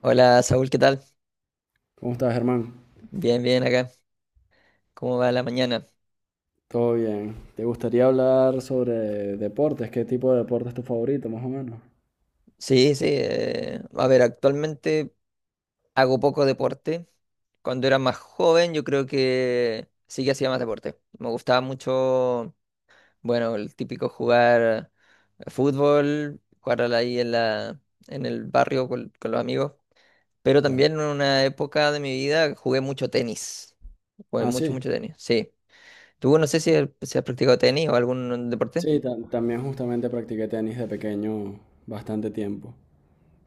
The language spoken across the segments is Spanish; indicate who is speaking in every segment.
Speaker 1: Hola Saúl, ¿qué tal?
Speaker 2: ¿Cómo estás, Germán?
Speaker 1: Bien, bien acá. ¿Cómo va la mañana?
Speaker 2: Todo bien. ¿Te gustaría hablar sobre deportes? ¿Qué tipo de deporte es tu favorito, más o menos?
Speaker 1: Sí, sí. A ver, actualmente hago poco deporte. Cuando era más joven, yo creo que sí que hacía más deporte. Me gustaba mucho, bueno, el típico jugar fútbol, ahí en el barrio con los amigos. Pero también
Speaker 2: Claro.
Speaker 1: en una época de mi vida jugué mucho tenis. Jugué
Speaker 2: Ah,
Speaker 1: mucho,
Speaker 2: sí.
Speaker 1: mucho tenis. Sí. ¿Tú no sé si has practicado tenis o algún deporte?
Speaker 2: Sí, también justamente practiqué tenis de pequeño bastante tiempo.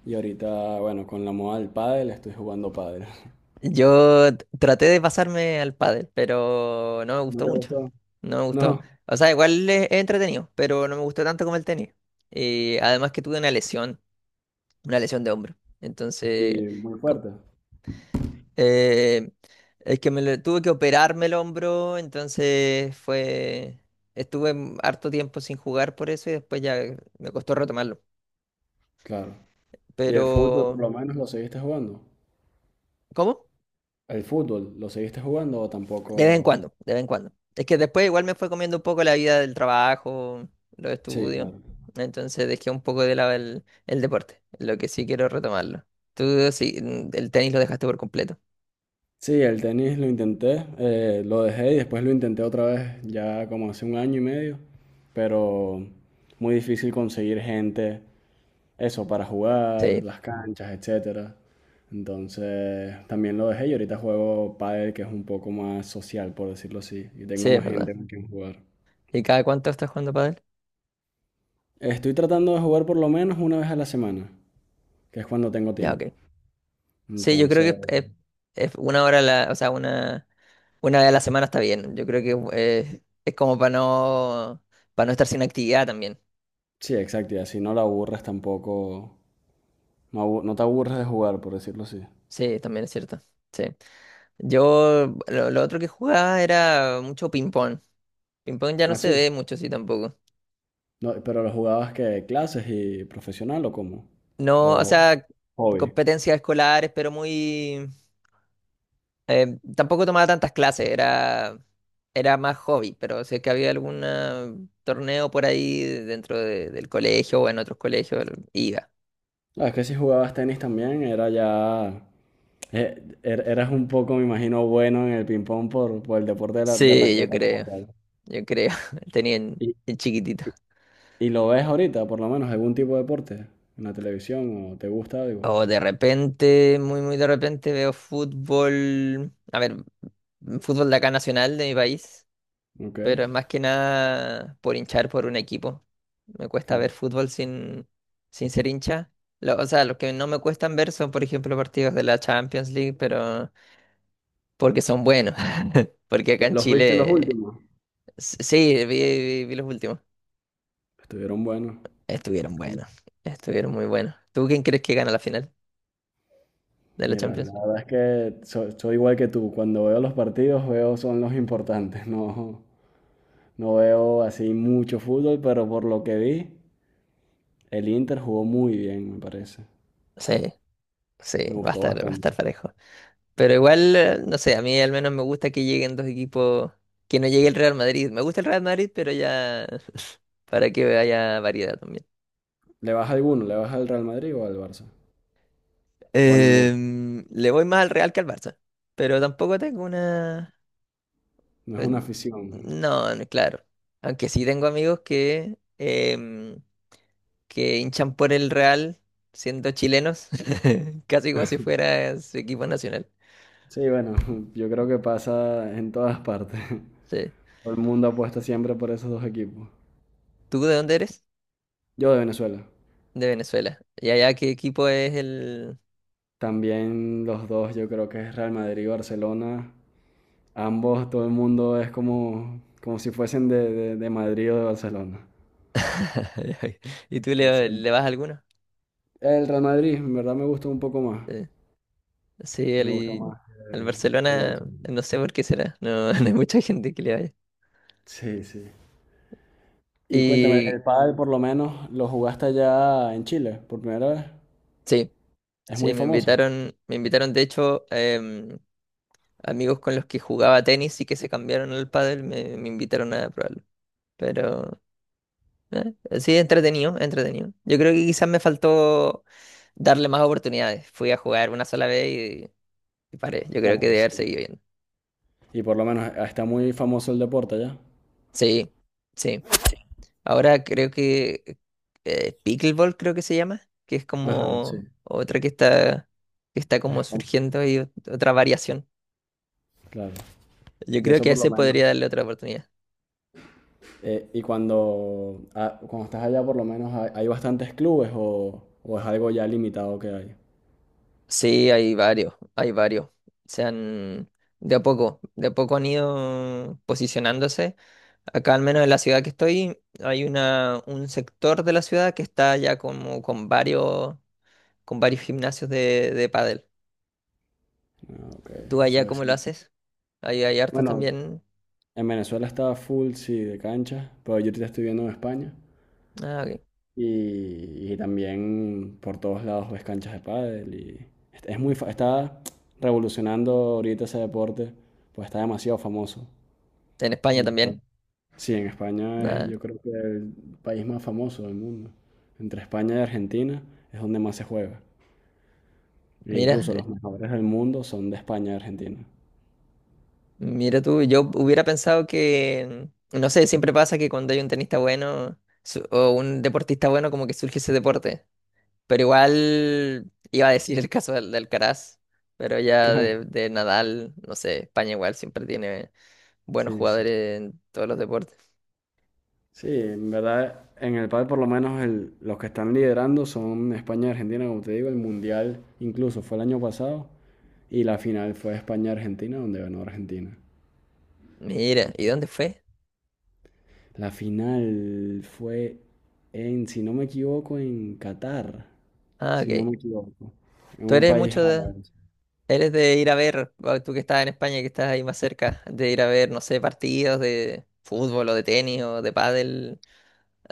Speaker 2: Y ahorita, bueno, con la moda del pádel estoy jugando pádel.
Speaker 1: Yo traté de pasarme al pádel, pero no me
Speaker 2: ¿No
Speaker 1: gustó
Speaker 2: te
Speaker 1: mucho.
Speaker 2: gustó?
Speaker 1: No me gustó.
Speaker 2: No.
Speaker 1: O sea, igual es entretenido, pero no me gustó tanto como el tenis. Y además que tuve una lesión, de hombro. Entonces,
Speaker 2: Y muy
Speaker 1: co-
Speaker 2: fuerte.
Speaker 1: eh, es que tuve que operarme el hombro, entonces fue. Estuve harto tiempo sin jugar por eso y después ya me costó retomarlo.
Speaker 2: Claro. ¿Y el fútbol por
Speaker 1: Pero,
Speaker 2: lo menos lo seguiste jugando?
Speaker 1: ¿cómo?
Speaker 2: ¿El fútbol lo seguiste jugando o
Speaker 1: De vez en
Speaker 2: tampoco?
Speaker 1: cuando, de vez en cuando. Es que después igual me fue comiendo un poco la vida del trabajo, los
Speaker 2: Sí,
Speaker 1: estudios.
Speaker 2: claro.
Speaker 1: Entonces dejé un poco de lado el deporte, lo que sí quiero retomarlo. Tú sí, el tenis lo dejaste por completo.
Speaker 2: Sí, el tenis lo intenté, lo dejé y después lo intenté otra vez, ya como hace un año y medio, pero muy difícil conseguir gente, eso, para jugar,
Speaker 1: Sí,
Speaker 2: las canchas, etcétera. Entonces, también lo dejé y ahorita juego pádel, que es un poco más social, por decirlo así, y
Speaker 1: sí,
Speaker 2: tengo
Speaker 1: es
Speaker 2: más
Speaker 1: verdad.
Speaker 2: gente con quien jugar.
Speaker 1: ¿Y cada cuánto estás jugando pádel?
Speaker 2: Estoy tratando de jugar por lo menos una vez a la semana, que es cuando tengo
Speaker 1: Ya,
Speaker 2: tiempo.
Speaker 1: ok. Sí, yo creo que
Speaker 2: Entonces,
Speaker 1: una hora, o sea, una vez a la semana está bien. Yo creo que es como para no, estar sin actividad también.
Speaker 2: sí, exacto, y así no la aburres tampoco, no, no te aburres de jugar, por decirlo así.
Speaker 1: Sí, también es cierto. Sí. Lo otro que jugaba era mucho ping-pong. Ping-pong ya no
Speaker 2: ¿Ah,
Speaker 1: se
Speaker 2: sí?
Speaker 1: ve mucho, sí, tampoco.
Speaker 2: No, pero ¿lo jugabas que clases y profesional o cómo?
Speaker 1: No, o
Speaker 2: ¿O
Speaker 1: sea,
Speaker 2: hobby?
Speaker 1: competencias escolares, pero muy. Tampoco tomaba tantas clases, era más hobby, pero sé que había algún torneo por ahí del colegio o en otros colegios, iba.
Speaker 2: No, es que si jugabas tenis también era ya eh, eras un poco, me imagino, bueno en el ping pong por el deporte de, de
Speaker 1: Sí,
Speaker 2: raqueta como tal.
Speaker 1: yo creo, tenía en,
Speaker 2: ¿Y,
Speaker 1: en chiquitito.
Speaker 2: y- y lo ves ahorita, por lo menos, algún tipo de deporte en la televisión o te gusta algo?
Speaker 1: O de repente, muy, muy de repente veo fútbol, a ver, fútbol de acá nacional de mi país.
Speaker 2: Ok,
Speaker 1: Pero es más que nada por hinchar por un equipo. Me cuesta ver
Speaker 2: claro.
Speaker 1: fútbol sin ser hincha. O sea, los que no me cuestan ver son, por ejemplo, partidos de la Champions League, pero porque son buenos. Porque acá en
Speaker 2: Los viste los
Speaker 1: Chile,
Speaker 2: últimos?
Speaker 1: sí, vi los últimos.
Speaker 2: Estuvieron buenos.
Speaker 1: Estuvieron buenos, estuvieron muy buenos. ¿Tú quién crees que gana la final de la
Speaker 2: Mira, la
Speaker 1: Champions?
Speaker 2: verdad es que soy igual que tú. Cuando veo los partidos, veo son los importantes. No, no veo así mucho fútbol, pero por lo que vi, el Inter jugó muy bien, me parece.
Speaker 1: Sí, sí,
Speaker 2: Me
Speaker 1: va a
Speaker 2: gustó
Speaker 1: estar, va a estar
Speaker 2: bastante.
Speaker 1: parejo. Pero igual, no sé, a mí al menos me gusta que lleguen dos equipos, que no llegue el Real Madrid. Me gusta el Real Madrid, pero ya para que haya variedad también.
Speaker 2: ¿Le vas a alguno? ¿Le vas al Real Madrid o al Barça? ¿O a ninguno?
Speaker 1: Le voy más al Real que al Barça, pero tampoco tengo una.
Speaker 2: No es
Speaker 1: eh,
Speaker 2: una afición.
Speaker 1: No, no, claro. Aunque sí tengo amigos que hinchan por el Real siendo chilenos, casi como si fuera su equipo nacional.
Speaker 2: Sí, bueno, yo creo que pasa en todas partes.
Speaker 1: Sí.
Speaker 2: Todo el mundo apuesta siempre por esos dos equipos.
Speaker 1: ¿Tú de dónde eres?
Speaker 2: Yo de Venezuela.
Speaker 1: De Venezuela. ¿Y allá qué equipo es el?
Speaker 2: También los dos, yo creo que es Real Madrid y Barcelona. Ambos, todo el mundo es como, como si fuesen de Madrid o de Barcelona.
Speaker 1: ¿Y tú
Speaker 2: Entonces,
Speaker 1: le vas a alguno?
Speaker 2: el Real Madrid, en verdad me gusta un poco más.
Speaker 1: Eh, Sí, al,
Speaker 2: Me gusta
Speaker 1: y-
Speaker 2: más
Speaker 1: al
Speaker 2: que el
Speaker 1: Barcelona,
Speaker 2: Barcelona.
Speaker 1: no sé por qué será, no, no hay mucha gente que le vaya.
Speaker 2: Sí, sí. Y cuéntame,
Speaker 1: Y
Speaker 2: el pádel por lo menos lo jugaste allá en Chile por primera vez.
Speaker 1: sí,
Speaker 2: Es
Speaker 1: sí,
Speaker 2: muy famoso.
Speaker 1: me invitaron de hecho amigos con los que jugaba tenis y que se cambiaron al pádel, me invitaron a probarlo. Pero sí, entretenido, entretenido. Yo creo que quizás me faltó darle más oportunidades. Fui a jugar una sola vez y paré. Yo creo que
Speaker 2: Claro,
Speaker 1: debe haber
Speaker 2: sí.
Speaker 1: seguido bien.
Speaker 2: Y por lo menos ah, está muy famoso el deporte allá.
Speaker 1: Sí, sí. Ahora creo que Pickleball creo que se llama, que es
Speaker 2: Ajá, sí.
Speaker 1: como otra que está
Speaker 2: Es
Speaker 1: como
Speaker 2: fam-
Speaker 1: surgiendo y otra variación.
Speaker 2: Claro.
Speaker 1: Yo
Speaker 2: Y
Speaker 1: creo
Speaker 2: eso
Speaker 1: que a
Speaker 2: por lo
Speaker 1: ese
Speaker 2: menos.
Speaker 1: podría darle otra oportunidad.
Speaker 2: Y cuando, ah, cuando estás allá por lo menos hay, hay bastantes clubes o es algo ya limitado que hay.
Speaker 1: Sí, hay varios, hay varios. Se han, de a poco han ido posicionándose. Acá, al menos en la ciudad que estoy, hay un sector de la ciudad que está ya como con varios gimnasios de pádel.
Speaker 2: Ah, ok.
Speaker 1: ¿Tú allá
Speaker 2: Entonces
Speaker 1: cómo lo
Speaker 2: sí.
Speaker 1: haces? Ahí hay hartos
Speaker 2: Bueno,
Speaker 1: también.
Speaker 2: en Venezuela estaba full, sí, de cancha, pero yo te estoy viendo en España.
Speaker 1: Ah, ok.
Speaker 2: Y también por todos lados ves canchas de pádel y es muy, está revolucionando ahorita ese deporte, pues está demasiado famoso,
Speaker 1: En España
Speaker 2: en verdad.
Speaker 1: también.
Speaker 2: Sí, en España es
Speaker 1: Nada.
Speaker 2: yo creo que el país más famoso del mundo. Entre España y Argentina es donde más se juega. E
Speaker 1: Mira,
Speaker 2: incluso los
Speaker 1: eh,
Speaker 2: mejores del mundo son de España y Argentina.
Speaker 1: mira tú, yo hubiera pensado que, no sé, siempre pasa que cuando hay un tenista bueno o un deportista bueno, como que surge ese deporte. Pero igual iba a decir el caso del Alcaraz, pero ya
Speaker 2: Claro,
Speaker 1: de Nadal, no sé, España igual siempre tiene buenos
Speaker 2: sí, sí.
Speaker 1: jugadores en todos los deportes.
Speaker 2: Sí, en verdad, en el pádel por lo menos los que están liderando son España y Argentina, como te digo, el mundial incluso fue el año pasado. Y la final fue España-Argentina, donde ganó Argentina.
Speaker 1: Mira, ¿y dónde fue?
Speaker 2: La final fue en, si no me equivoco, en Qatar,
Speaker 1: Ah,
Speaker 2: si no
Speaker 1: ok.
Speaker 2: me equivoco, en
Speaker 1: ¿Tú
Speaker 2: un
Speaker 1: eres
Speaker 2: país
Speaker 1: mucho
Speaker 2: árabe.
Speaker 1: Eres de ir a ver, bueno, tú que estás en España, que estás ahí más cerca, de ir a ver, no sé, partidos de fútbol o de tenis o de pádel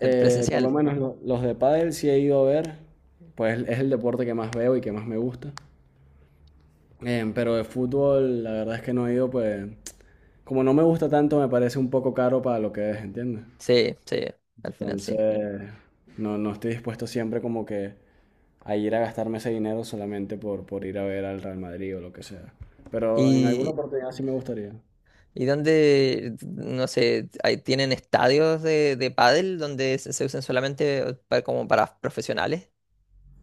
Speaker 2: Por lo
Speaker 1: presencial.
Speaker 2: menos los de pádel sí he ido a ver, pues es el deporte que más veo y que más me gusta. Pero de fútbol, la verdad es que no he ido, pues como no me gusta tanto, me parece un poco caro para lo que es, ¿entiendes?
Speaker 1: Sí, sí, al final sí.
Speaker 2: Entonces, no, no estoy dispuesto siempre como que a ir a gastarme ese dinero solamente por ir a ver al Real Madrid o lo que sea. Pero en alguna
Speaker 1: ¿Y,
Speaker 2: oportunidad sí me gustaría.
Speaker 1: y dónde, no sé, ahí tienen estadios de pádel donde se usan solamente como para profesionales?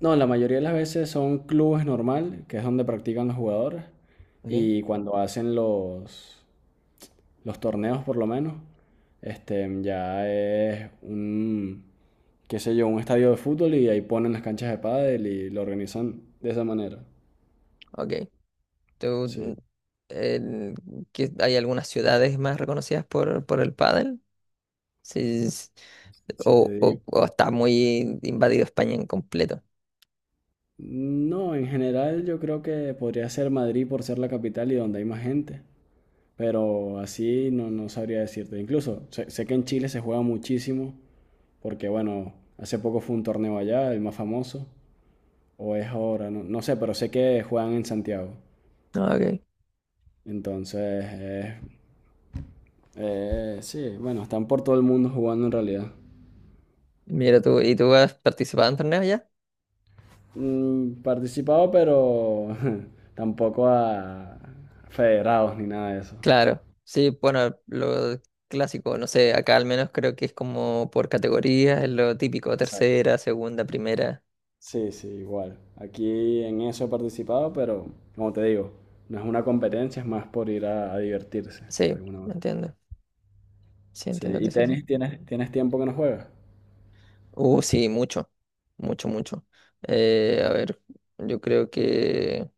Speaker 2: No, la mayoría de las veces son clubes normal, que es donde practican los jugadores,
Speaker 1: Okay.
Speaker 2: y cuando hacen los torneos por lo menos, este, ya es un, qué sé yo, un estadio de fútbol y ahí ponen las canchas de pádel y lo organizan de esa manera.
Speaker 1: Okay. ¿Tú, mm,
Speaker 2: Sí,
Speaker 1: el- que hay algunas ciudades más reconocidas por el pádel? Sí, sí, sí.
Speaker 2: si te digo.
Speaker 1: O Está muy invadido España en completo.
Speaker 2: No, en general yo creo que podría ser Madrid por ser la capital y donde hay más gente. Pero así no, no sabría decirte. Incluso sé, sé que en Chile se juega muchísimo, porque bueno, hace poco fue un torneo allá, el más famoso, o es ahora, no, no sé, pero sé que juegan en Santiago.
Speaker 1: Ah, ok.
Speaker 2: Entonces, sí, bueno, están por todo el mundo jugando en realidad.
Speaker 1: Mira tú, ¿y tú has participado en torneos ya?
Speaker 2: Mm, participado, pero tampoco a federados ni nada de eso.
Speaker 1: Claro, sí, bueno, lo clásico, no sé, acá al menos creo que es como por categorías, es lo típico, tercera, segunda, primera.
Speaker 2: Sí, sí, igual. Aquí en eso he participado, pero como te digo, no es una competencia, es más por ir a divertirse de
Speaker 1: Sí,
Speaker 2: alguna
Speaker 1: me
Speaker 2: manera.
Speaker 1: entiendo. Sí,
Speaker 2: Sí,
Speaker 1: entiendo
Speaker 2: ¿y
Speaker 1: que sea así.
Speaker 2: tenis tienes, tienes tiempo que no juegas?
Speaker 1: Sí, mucho, mucho, mucho. A ver, yo creo que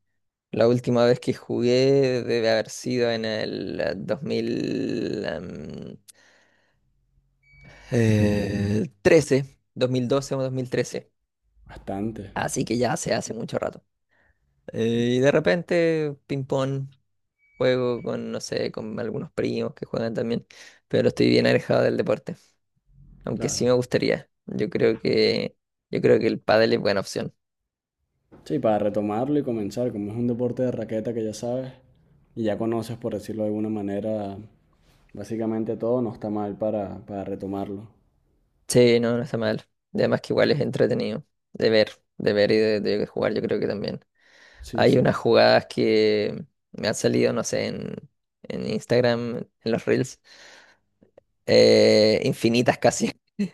Speaker 1: la última vez que jugué debe haber sido en el 2013, 2012 o 2013.
Speaker 2: Bastante,
Speaker 1: Así que ya se hace mucho rato. Y de repente, ping-pong, juego con, no sé, con algunos primos que juegan también, pero estoy bien alejado del deporte, aunque sí me
Speaker 2: claro.
Speaker 1: gustaría. Yo creo que, el pádel es buena opción.
Speaker 2: Sí, para retomarlo y comenzar, como es un deporte de raqueta que ya sabes y ya conoces, por decirlo de alguna manera, básicamente todo, no está mal para retomarlo.
Speaker 1: Sí, no, no está mal. Y además que igual es entretenido de ver, de ver y de jugar, yo creo que también.
Speaker 2: Sí,
Speaker 1: Hay
Speaker 2: sí.
Speaker 1: unas jugadas que me han salido, no sé, en Instagram, en los Reels, infinitas casi.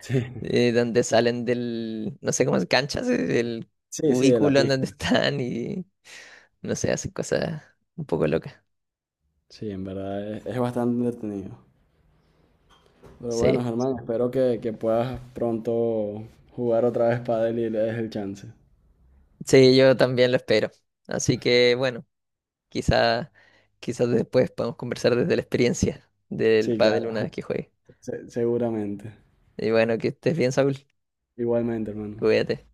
Speaker 2: Sí,
Speaker 1: eh, donde salen del, no sé cómo es, canchas, del
Speaker 2: sí, sí, de la
Speaker 1: cubículo en
Speaker 2: pista.
Speaker 1: donde están y no sé, hacen cosas un poco locas.
Speaker 2: Sí, en verdad es bastante entretenido. Pero bueno,
Speaker 1: Sí,
Speaker 2: Germán, espero que puedas pronto jugar otra vez pádel y le des el chance.
Speaker 1: sí, yo también lo espero. Así que bueno, quizá, quizás después podamos conversar desde la experiencia del
Speaker 2: Sí,
Speaker 1: pádel
Speaker 2: claro,
Speaker 1: una vez que juegue.
Speaker 2: seguramente.
Speaker 1: Y bueno, que estés bien, Saúl.
Speaker 2: Igualmente, hermano.
Speaker 1: Cuídate.